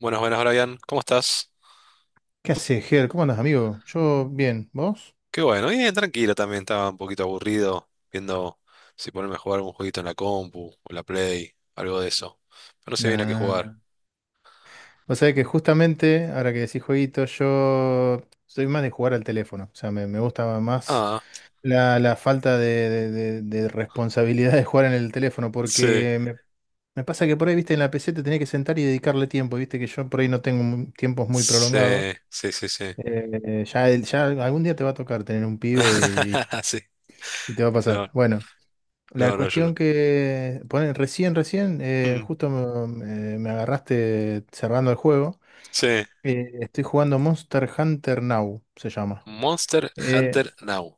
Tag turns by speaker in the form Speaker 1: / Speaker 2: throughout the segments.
Speaker 1: Buenas, buenas, Brian. ¿Cómo estás?
Speaker 2: ¿Qué haces, Ger? ¿Cómo andás, amigo? Yo bien, ¿vos?
Speaker 1: Qué bueno, bien, tranquilo también. Estaba un poquito aburrido viendo si ponerme a jugar algún jueguito en la compu o en la Play, algo de eso. Pero no sé bien a qué
Speaker 2: Nah.
Speaker 1: jugar.
Speaker 2: Vos sabés que justamente, ahora que decís jueguito, yo soy más de jugar al teléfono. O sea, me gusta más
Speaker 1: Ah,
Speaker 2: la falta de responsabilidad de jugar en el teléfono,
Speaker 1: sí,
Speaker 2: porque me pasa que por ahí, viste, en la PC te tenés que sentar y dedicarle tiempo, viste, que yo por ahí no tengo tiempos muy
Speaker 1: sí,
Speaker 2: prolongados.
Speaker 1: sí, sí, sí.
Speaker 2: Ya algún día te va a tocar tener un pibe
Speaker 1: Sí,
Speaker 2: y te va a pasar.
Speaker 1: no,
Speaker 2: Bueno. La
Speaker 1: no, no, yo
Speaker 2: cuestión
Speaker 1: no.
Speaker 2: que, ponen recién,
Speaker 1: Mm.
Speaker 2: justo me agarraste cerrando el juego.
Speaker 1: Sí.
Speaker 2: Estoy jugando Monster Hunter Now, se llama.
Speaker 1: Monster
Speaker 2: Eh,
Speaker 1: Hunter Now.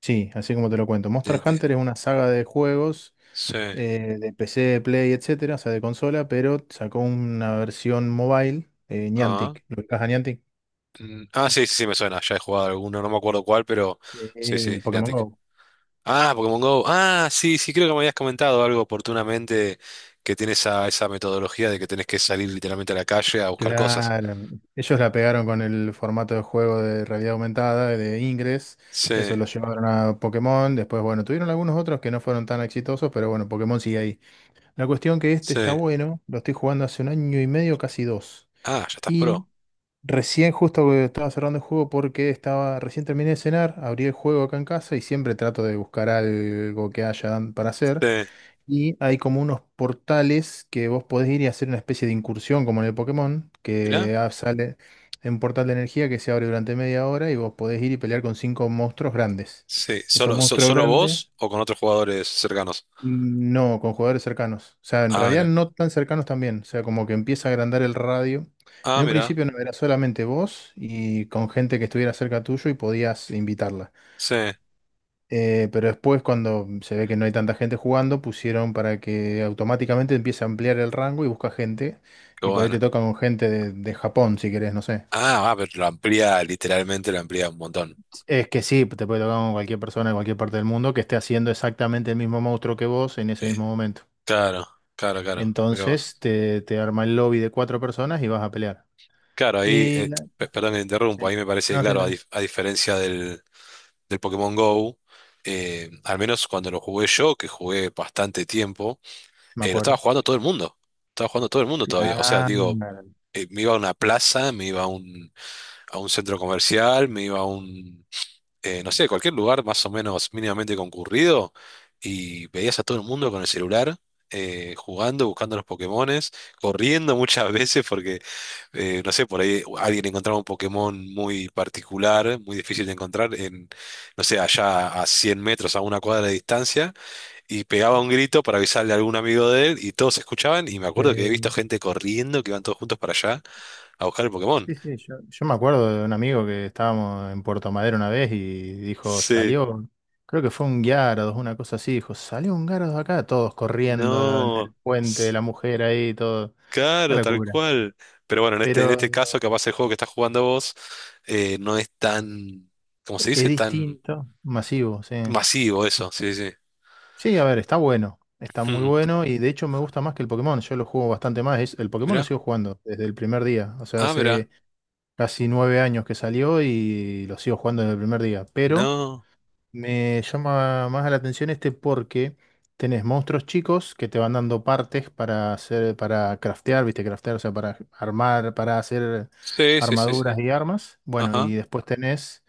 Speaker 2: sí, así como te lo cuento.
Speaker 1: de-
Speaker 2: Monster
Speaker 1: de-
Speaker 2: Hunter es una saga de juegos
Speaker 1: Sí,
Speaker 2: de PC, Play, etcétera, o sea, de consola, pero sacó una versión mobile,
Speaker 1: ah,
Speaker 2: Niantic. ¿Lo ubicás a Niantic?
Speaker 1: mm, ah, sí, sí, sí, me suena. Ya he jugado alguno, no me acuerdo cuál, pero
Speaker 2: Sí,
Speaker 1: sí, sí,
Speaker 2: el Pokémon
Speaker 1: Niantic.
Speaker 2: Go.
Speaker 1: Ah, Pokémon Go. Ah, sí, sí, creo que me habías comentado algo oportunamente que tiene esa metodología de que tenés que salir literalmente a la calle a buscar cosas.
Speaker 2: Claro, ellos la pegaron con el formato de juego de realidad aumentada, de Ingress,
Speaker 1: Sí,
Speaker 2: eso lo llevaron a Pokémon, después, bueno, tuvieron algunos otros que no fueron tan exitosos, pero bueno, Pokémon sigue ahí. La cuestión que este
Speaker 1: sí.
Speaker 2: está bueno, lo estoy jugando hace un año y medio, casi dos,
Speaker 1: Ah, ya estás
Speaker 2: y
Speaker 1: pro.
Speaker 2: recién justo que estaba cerrando el juego porque estaba, recién terminé de cenar, abrí el juego acá en casa y siempre trato de buscar algo que haya para hacer.
Speaker 1: Sí.
Speaker 2: Y hay como unos portales que vos podés ir y hacer una especie de incursión, como en el Pokémon,
Speaker 1: Mirá.
Speaker 2: que sale un portal de energía que se abre durante media hora y vos podés ir y pelear con cinco monstruos grandes.
Speaker 1: Sí.
Speaker 2: Esos
Speaker 1: ¿Solo,
Speaker 2: monstruos
Speaker 1: solo
Speaker 2: grandes,
Speaker 1: vos o con otros jugadores cercanos?
Speaker 2: mm, no, con jugadores cercanos. O sea, en
Speaker 1: Ah,
Speaker 2: realidad
Speaker 1: mirá.
Speaker 2: no tan cercanos también. O sea, como que empieza a agrandar el radio.
Speaker 1: Ah,
Speaker 2: En un
Speaker 1: mirá.
Speaker 2: principio no era solamente vos y con gente que estuviera cerca tuyo y podías invitarla.
Speaker 1: Sí. Qué
Speaker 2: Pero después, cuando se ve que no hay tanta gente jugando, pusieron para que automáticamente empiece a ampliar el rango y busca gente. Y por ahí te
Speaker 1: bueno.
Speaker 2: tocan con gente de Japón, si querés, no sé.
Speaker 1: Ah, ah, pero lo amplía, literalmente lo amplía un montón.
Speaker 2: Es que sí, te puede tocar con cualquier persona de cualquier parte del mundo que esté haciendo exactamente el mismo monstruo que vos en ese
Speaker 1: Eh,
Speaker 2: mismo momento.
Speaker 1: claro, claro, claro. Mirá vos.
Speaker 2: Entonces te arma el lobby de cuatro personas y vas a pelear.
Speaker 1: Claro, ahí,
Speaker 2: Y la-
Speaker 1: perdón que te
Speaker 2: sí,
Speaker 1: interrumpo, ahí me parece, que,
Speaker 2: no, sí,
Speaker 1: claro,
Speaker 2: sí,
Speaker 1: a diferencia del Pokémon Go, al menos cuando lo jugué yo, que jugué bastante tiempo,
Speaker 2: me
Speaker 1: lo estaba
Speaker 2: acuerdo.
Speaker 1: jugando todo el mundo. Estaba jugando todo el mundo todavía. O sea, digo,
Speaker 2: Claro.
Speaker 1: me iba a una plaza, me iba a un centro comercial, me iba a un, no sé, cualquier lugar más o menos mínimamente concurrido y veías a todo el mundo con el celular. Jugando, buscando los Pokémones, corriendo muchas veces porque no sé, por ahí alguien encontraba un Pokémon muy particular, muy difícil de encontrar, en, no sé, allá a 100 metros, a una cuadra de distancia, y pegaba un grito para avisarle a algún amigo de él, y todos escuchaban, y me acuerdo que he visto
Speaker 2: Sí.
Speaker 1: gente corriendo, que iban todos juntos para allá a buscar el Pokémon.
Speaker 2: Sí, sí, yo me acuerdo de un amigo que estábamos en Puerto Madero una vez y dijo,
Speaker 1: Sí,
Speaker 2: salió, creo que fue un Guiarados, una cosa así, dijo, salió un Guiarados acá, todos corriendo en
Speaker 1: no,
Speaker 2: el puente de
Speaker 1: s-
Speaker 2: la mujer ahí, todo, una
Speaker 1: claro, tal
Speaker 2: locura.
Speaker 1: cual. Pero bueno, en este, en
Speaker 2: Pero
Speaker 1: este caso, capaz el juego que estás jugando vos no es tan, ¿cómo se
Speaker 2: es
Speaker 1: dice? Tan
Speaker 2: distinto, masivo, sí.
Speaker 1: masivo eso, sí, sí.
Speaker 2: Sí, a ver, está bueno, está muy
Speaker 1: Hmm,
Speaker 2: bueno y de hecho me gusta más que el Pokémon, yo lo juego bastante más, el Pokémon lo
Speaker 1: mirá,
Speaker 2: sigo jugando desde el primer día, o sea,
Speaker 1: ah, mirá,
Speaker 2: hace casi 9 años que salió y lo sigo jugando desde el primer día, pero.
Speaker 1: no.
Speaker 2: Me llama más la atención este porque tenés monstruos chicos que te van dando partes para hacer, para craftear, viste, craftear, o sea, para armar, para hacer
Speaker 1: Sí, sí, sí, sí.
Speaker 2: armaduras y armas. Bueno,
Speaker 1: Ajá.
Speaker 2: y después tenés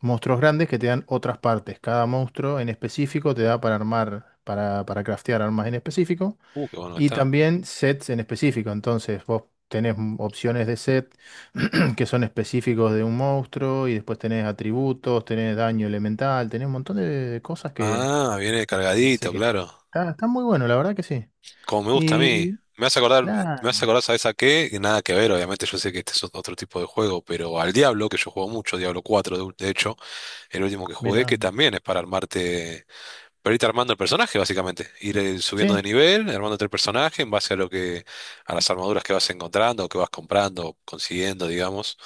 Speaker 2: monstruos grandes que te dan otras partes. Cada monstruo en específico te da para armar, para craftear armas en específico.
Speaker 1: Qué bueno que
Speaker 2: Y
Speaker 1: está.
Speaker 2: también sets en específico, entonces vos tenés opciones de set que son específicos de un monstruo y después tenés atributos, tenés daño elemental, tenés un montón de cosas que,
Speaker 1: Ah, viene
Speaker 2: que hace
Speaker 1: cargadito,
Speaker 2: que.
Speaker 1: claro.
Speaker 2: Está muy bueno, la verdad que sí.
Speaker 1: Como me gusta a mí.
Speaker 2: Y
Speaker 1: Me vas a acordar, me
Speaker 2: claro,
Speaker 1: vas a acordar, ¿sabes a qué? Que nada que ver, obviamente yo sé que este es otro tipo de juego, pero al Diablo, que yo juego mucho, Diablo 4, de hecho, el último que jugué,
Speaker 2: mira,
Speaker 1: que también es para armarte. Pero ahorita armando el personaje, básicamente. Ir subiendo de
Speaker 2: sí,
Speaker 1: nivel, armándote el personaje en base a lo que, a las armaduras que vas encontrando, o que vas comprando, o consiguiendo, digamos.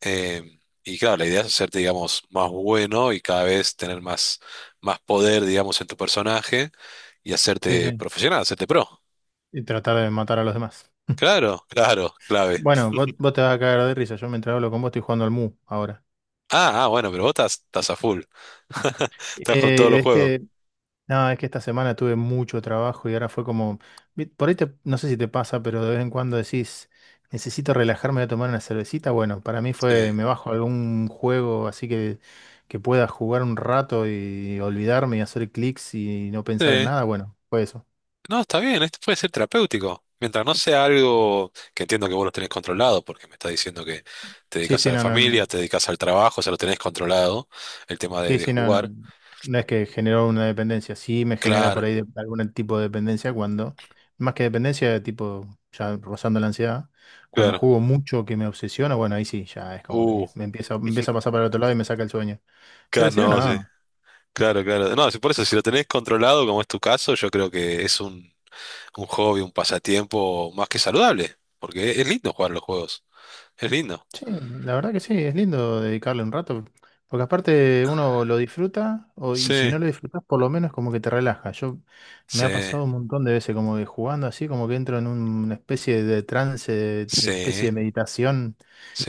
Speaker 1: Eh, y claro, la idea es hacerte, digamos, más bueno y cada vez tener más, más poder, digamos, en tu personaje y
Speaker 2: sí,
Speaker 1: hacerte
Speaker 2: sí.
Speaker 1: profesional, hacerte pro.
Speaker 2: Y tratar de matar a los demás.
Speaker 1: Claro, claro, clave.
Speaker 2: Bueno, vos te vas a caer de risa, yo mientras hablo con vos estoy jugando al Mu ahora.
Speaker 1: Ah, ah, bueno, pero vos estás a full. Estás con todos los
Speaker 2: Es
Speaker 1: juegos.
Speaker 2: que No, es que esta semana tuve mucho trabajo y ahora fue como, por ahí no sé si te pasa, pero de vez en cuando decís, necesito relajarme, voy a tomar una cervecita. Bueno, para mí
Speaker 1: Sí.
Speaker 2: fue, me bajo algún juego así que pueda jugar un rato y olvidarme y hacer clics y no pensar en
Speaker 1: Sí.
Speaker 2: nada. Bueno, fue eso.
Speaker 1: No, está bien, esto puede ser terapéutico. Mientras no sea algo que entiendo que vos lo tenés controlado, porque me estás diciendo que te
Speaker 2: Sí,
Speaker 1: dedicas a
Speaker 2: sí,
Speaker 1: la
Speaker 2: no, no, no.
Speaker 1: familia, te dedicas al trabajo, o sea, lo tenés controlado, el tema de,
Speaker 2: Sí,
Speaker 1: de
Speaker 2: sí, no,
Speaker 1: jugar.
Speaker 2: no, no es que generó una dependencia, sí me genera
Speaker 1: Claro,
Speaker 2: por ahí algún tipo de dependencia cuando, más que dependencia, tipo ya rozando la ansiedad, cuando
Speaker 1: claro.
Speaker 2: juego mucho que me obsesiona, bueno, ahí sí, ya es como
Speaker 1: Uh,
Speaker 2: que me empieza a pasar para el otro lado y me saca el sueño.
Speaker 1: claro,
Speaker 2: Pero si no,
Speaker 1: no, sí.
Speaker 2: no.
Speaker 1: Claro, claro. No, sí, por eso, si lo tenés controlado, como es tu caso, yo creo que es un hobby, un pasatiempo más que saludable, porque es lindo jugar los juegos. Es lindo.
Speaker 2: Sí, la verdad que sí, es lindo dedicarle un rato, porque aparte uno lo disfruta y si
Speaker 1: Sí,
Speaker 2: no lo disfrutas por lo menos como que te relaja. Yo me
Speaker 1: sí,
Speaker 2: ha pasado un montón de veces como que jugando así, como que entro en una especie de trance, de especie
Speaker 1: sí,
Speaker 2: de meditación,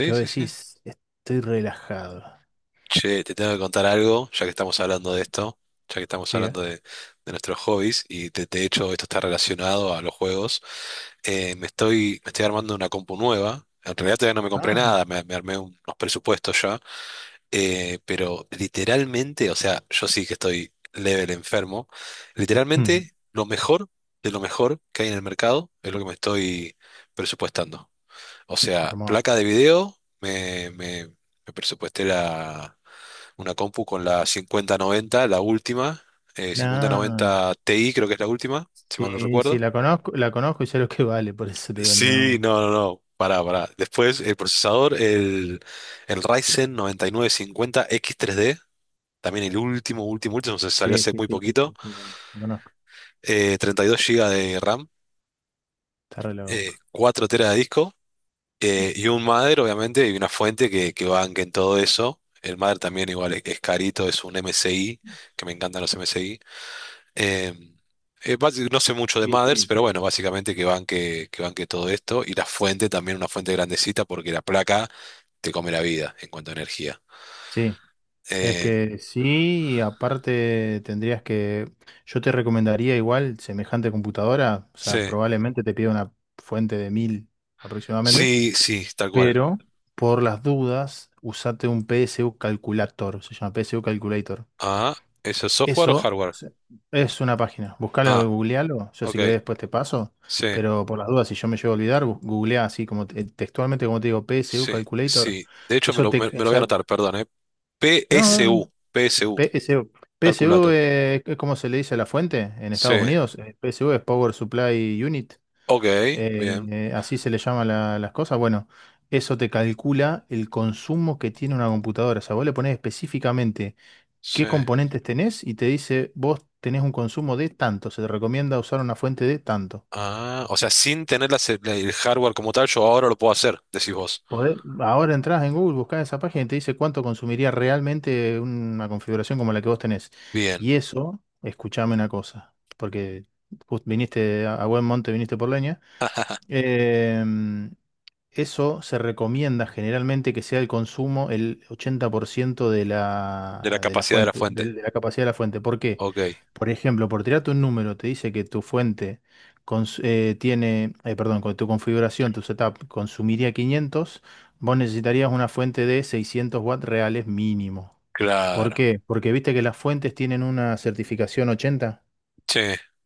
Speaker 2: que vos
Speaker 1: sí, sí.
Speaker 2: decís, estoy relajado.
Speaker 1: Che, te tengo que contar algo, ya que estamos hablando de esto, ya que estamos hablando
Speaker 2: Diga.
Speaker 1: de nuestros hobbies, y de hecho esto está relacionado a los juegos. Me estoy armando una compu nueva. En realidad todavía no me compré
Speaker 2: Ah,
Speaker 1: nada, me armé unos presupuestos ya. Pero literalmente, o sea, yo sí que estoy level enfermo.
Speaker 2: mm,
Speaker 1: Literalmente, lo mejor de lo mejor que hay en el mercado es lo que me estoy presupuestando. O sea, placa
Speaker 2: hermoso.
Speaker 1: de video, me presupuesté una compu con la 5090, la última,
Speaker 2: Nah,
Speaker 1: 5090 Ti creo que es la última, si mal no
Speaker 2: sí, sí,
Speaker 1: recuerdo.
Speaker 2: la conozco y sé lo que vale, por eso te digo,
Speaker 1: Sí,
Speaker 2: no.
Speaker 1: no, no, no, pará, pará. Después el procesador, el Ryzen 9950X3D, también el último, último, último, se salió
Speaker 2: Sí,
Speaker 1: hace
Speaker 2: sí,
Speaker 1: muy
Speaker 2: sí, sí,
Speaker 1: poquito,
Speaker 2: sí, sí, la conozco.
Speaker 1: 32 GB de RAM,
Speaker 2: Está re loco.
Speaker 1: 4 TB de disco. Y un Mother, obviamente, y una fuente que banque en todo eso. El Mother también igual es carito, es un MSI, que me encantan los MSI. Eh, no sé mucho de
Speaker 2: Sí,
Speaker 1: Mothers,
Speaker 2: sí,
Speaker 1: pero bueno, básicamente que banque todo esto. Y la fuente también, una fuente grandecita, porque la placa te come la vida en cuanto a energía.
Speaker 2: sí. Es
Speaker 1: Eh,
Speaker 2: que sí, y aparte tendrías que, yo te recomendaría igual semejante computadora, o
Speaker 1: sí,
Speaker 2: sea, probablemente te pida una fuente de 1000 aproximadamente,
Speaker 1: sí, sí, tal cual.
Speaker 2: pero por las dudas, usate un PSU Calculator, se llama PSU Calculator.
Speaker 1: Ah, ¿eso es software o
Speaker 2: Eso
Speaker 1: hardware?
Speaker 2: es una página, buscalo,
Speaker 1: Ah,
Speaker 2: googlealo, yo si
Speaker 1: ok,
Speaker 2: querés después te paso,
Speaker 1: sí,
Speaker 2: pero por las dudas, si yo me llego a olvidar, googleá así como textualmente como te digo, PSU
Speaker 1: sí,
Speaker 2: Calculator,
Speaker 1: sí. De hecho, me
Speaker 2: O
Speaker 1: lo voy a
Speaker 2: sea,
Speaker 1: anotar, perdón. PSU,
Speaker 2: no,
Speaker 1: PSU.
Speaker 2: PSU. PSU
Speaker 1: Calculator.
Speaker 2: es como se le dice a la fuente en
Speaker 1: Sí.
Speaker 2: Estados Unidos. PSU es Power Supply Unit.
Speaker 1: Ok, bien.
Speaker 2: Así se le llama las cosas. Bueno, eso te calcula el consumo que tiene una computadora. O sea, vos le ponés específicamente qué
Speaker 1: Sí.
Speaker 2: componentes tenés y te dice, vos tenés un consumo de tanto. Se te recomienda usar una fuente de tanto.
Speaker 1: Ah, o sea, sin tener el hardware como tal, yo ahora lo puedo hacer, decís vos.
Speaker 2: Ahora entras en Google, buscás esa página y te dice cuánto consumiría realmente una configuración como la que vos tenés.
Speaker 1: Bien.
Speaker 2: Y eso, escuchame una cosa, porque viniste a buen monte, viniste por leña. Em, Eso se recomienda generalmente que sea el consumo el 80% de
Speaker 1: De la
Speaker 2: la, de la
Speaker 1: capacidad de la
Speaker 2: fuente,
Speaker 1: fuente.
Speaker 2: de la capacidad de la fuente. ¿Por qué?
Speaker 1: Ok,
Speaker 2: Por ejemplo, por tirarte un número, te dice que tu fuente tiene, perdón, con tu configuración, tu setup consumiría 500, vos necesitarías una fuente de 600 watts reales mínimo. ¿Por
Speaker 1: claro.
Speaker 2: qué? Porque viste que las fuentes tienen una certificación 80.
Speaker 1: Sí,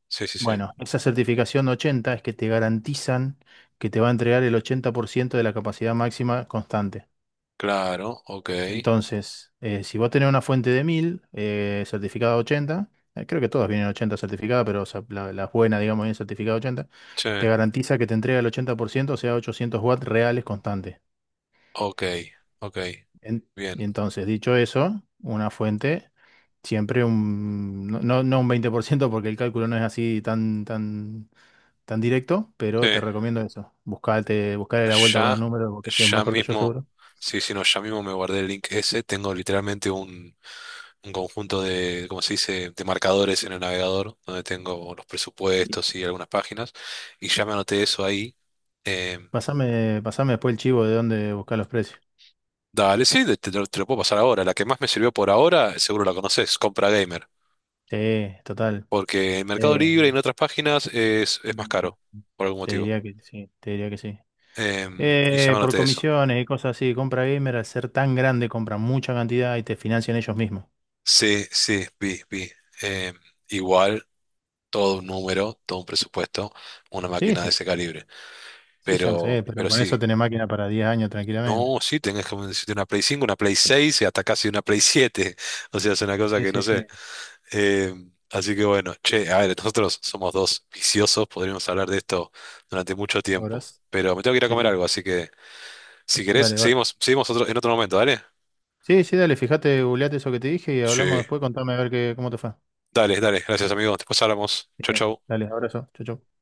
Speaker 1: sí, sí, sí.
Speaker 2: Bueno, esa certificación 80 es que te garantizan que te va a entregar el 80% de la capacidad máxima constante.
Speaker 1: Claro, ok.
Speaker 2: Entonces, si vos tenés una fuente de 1000 certificada 80, creo que todas vienen 80 certificadas, pero o sea, las buenas, digamos, vienen certificada 80,
Speaker 1: Sí,
Speaker 2: te garantiza que te entrega el 80%, o sea, 800 watts reales constantes.
Speaker 1: ok, ok.
Speaker 2: En-
Speaker 1: Bien.
Speaker 2: entonces, dicho eso, una fuente, siempre un, no, no no un 20%, porque el cálculo no es así tan, tan directo,
Speaker 1: Sí.
Speaker 2: pero te recomiendo eso. Buscate, buscale la vuelta con los
Speaker 1: Ya,
Speaker 2: números, porque es
Speaker 1: ya
Speaker 2: mejor que yo
Speaker 1: mismo.
Speaker 2: seguro.
Speaker 1: Sí, sí, no, ya mismo me guardé el link ese. Tengo literalmente un conjunto de, ¿cómo se dice?, de marcadores en el navegador, donde tengo los
Speaker 2: Y
Speaker 1: presupuestos y algunas páginas, y ya me anoté eso ahí. Eh,
Speaker 2: pasame después el chivo de dónde buscar los precios.
Speaker 1: dale, sí, te lo puedo pasar ahora. La que más me sirvió por ahora, seguro la conoces, Compra Gamer,
Speaker 2: Sí, total.
Speaker 1: porque en
Speaker 2: Eh,
Speaker 1: Mercado Libre y en otras páginas es más caro, por algún
Speaker 2: Te
Speaker 1: motivo.
Speaker 2: diría que sí, te diría que sí.
Speaker 1: Y ya me
Speaker 2: Por
Speaker 1: anoté eso.
Speaker 2: comisiones y cosas así, compra gamer, al ser tan grande, compran mucha cantidad y te financian ellos mismos.
Speaker 1: Sí, sí, vi, vi. Em, igual, todo un número, todo un presupuesto, una
Speaker 2: Sí,
Speaker 1: máquina de
Speaker 2: sí,
Speaker 1: ese
Speaker 2: sí,
Speaker 1: calibre.
Speaker 2: sí, ya lo
Speaker 1: Pero,
Speaker 2: sé, pero
Speaker 1: pero
Speaker 2: con
Speaker 1: sí,
Speaker 2: eso tenés máquina para 10 años tranquilamente.
Speaker 1: no, sí, tenés como decirte una Play 5, una Play 6, y hasta casi una Play 7. O sea, es una cosa
Speaker 2: Sí,
Speaker 1: que no
Speaker 2: sí,
Speaker 1: sé.
Speaker 2: sí.
Speaker 1: Eh, así que bueno, che, a ver, nosotros somos dos viciosos, podríamos hablar de esto durante mucho tiempo.
Speaker 2: ¿Horas?
Speaker 1: Pero me tengo que ir a
Speaker 2: Sí,
Speaker 1: comer
Speaker 2: sí.
Speaker 1: algo, así que si querés,
Speaker 2: Dale, vale.
Speaker 1: seguimos otro, en otro momento, ¿dale?
Speaker 2: Sí, sí, dale, fíjate, googleate eso que te dije y hablamos
Speaker 1: Sí.
Speaker 2: después, contame a ver qué, cómo te fue.
Speaker 1: Dale, dale, gracias amigo. Después hablamos. Chau,
Speaker 2: Genial.
Speaker 1: chau.
Speaker 2: Dale, abrazo. Chau, chau.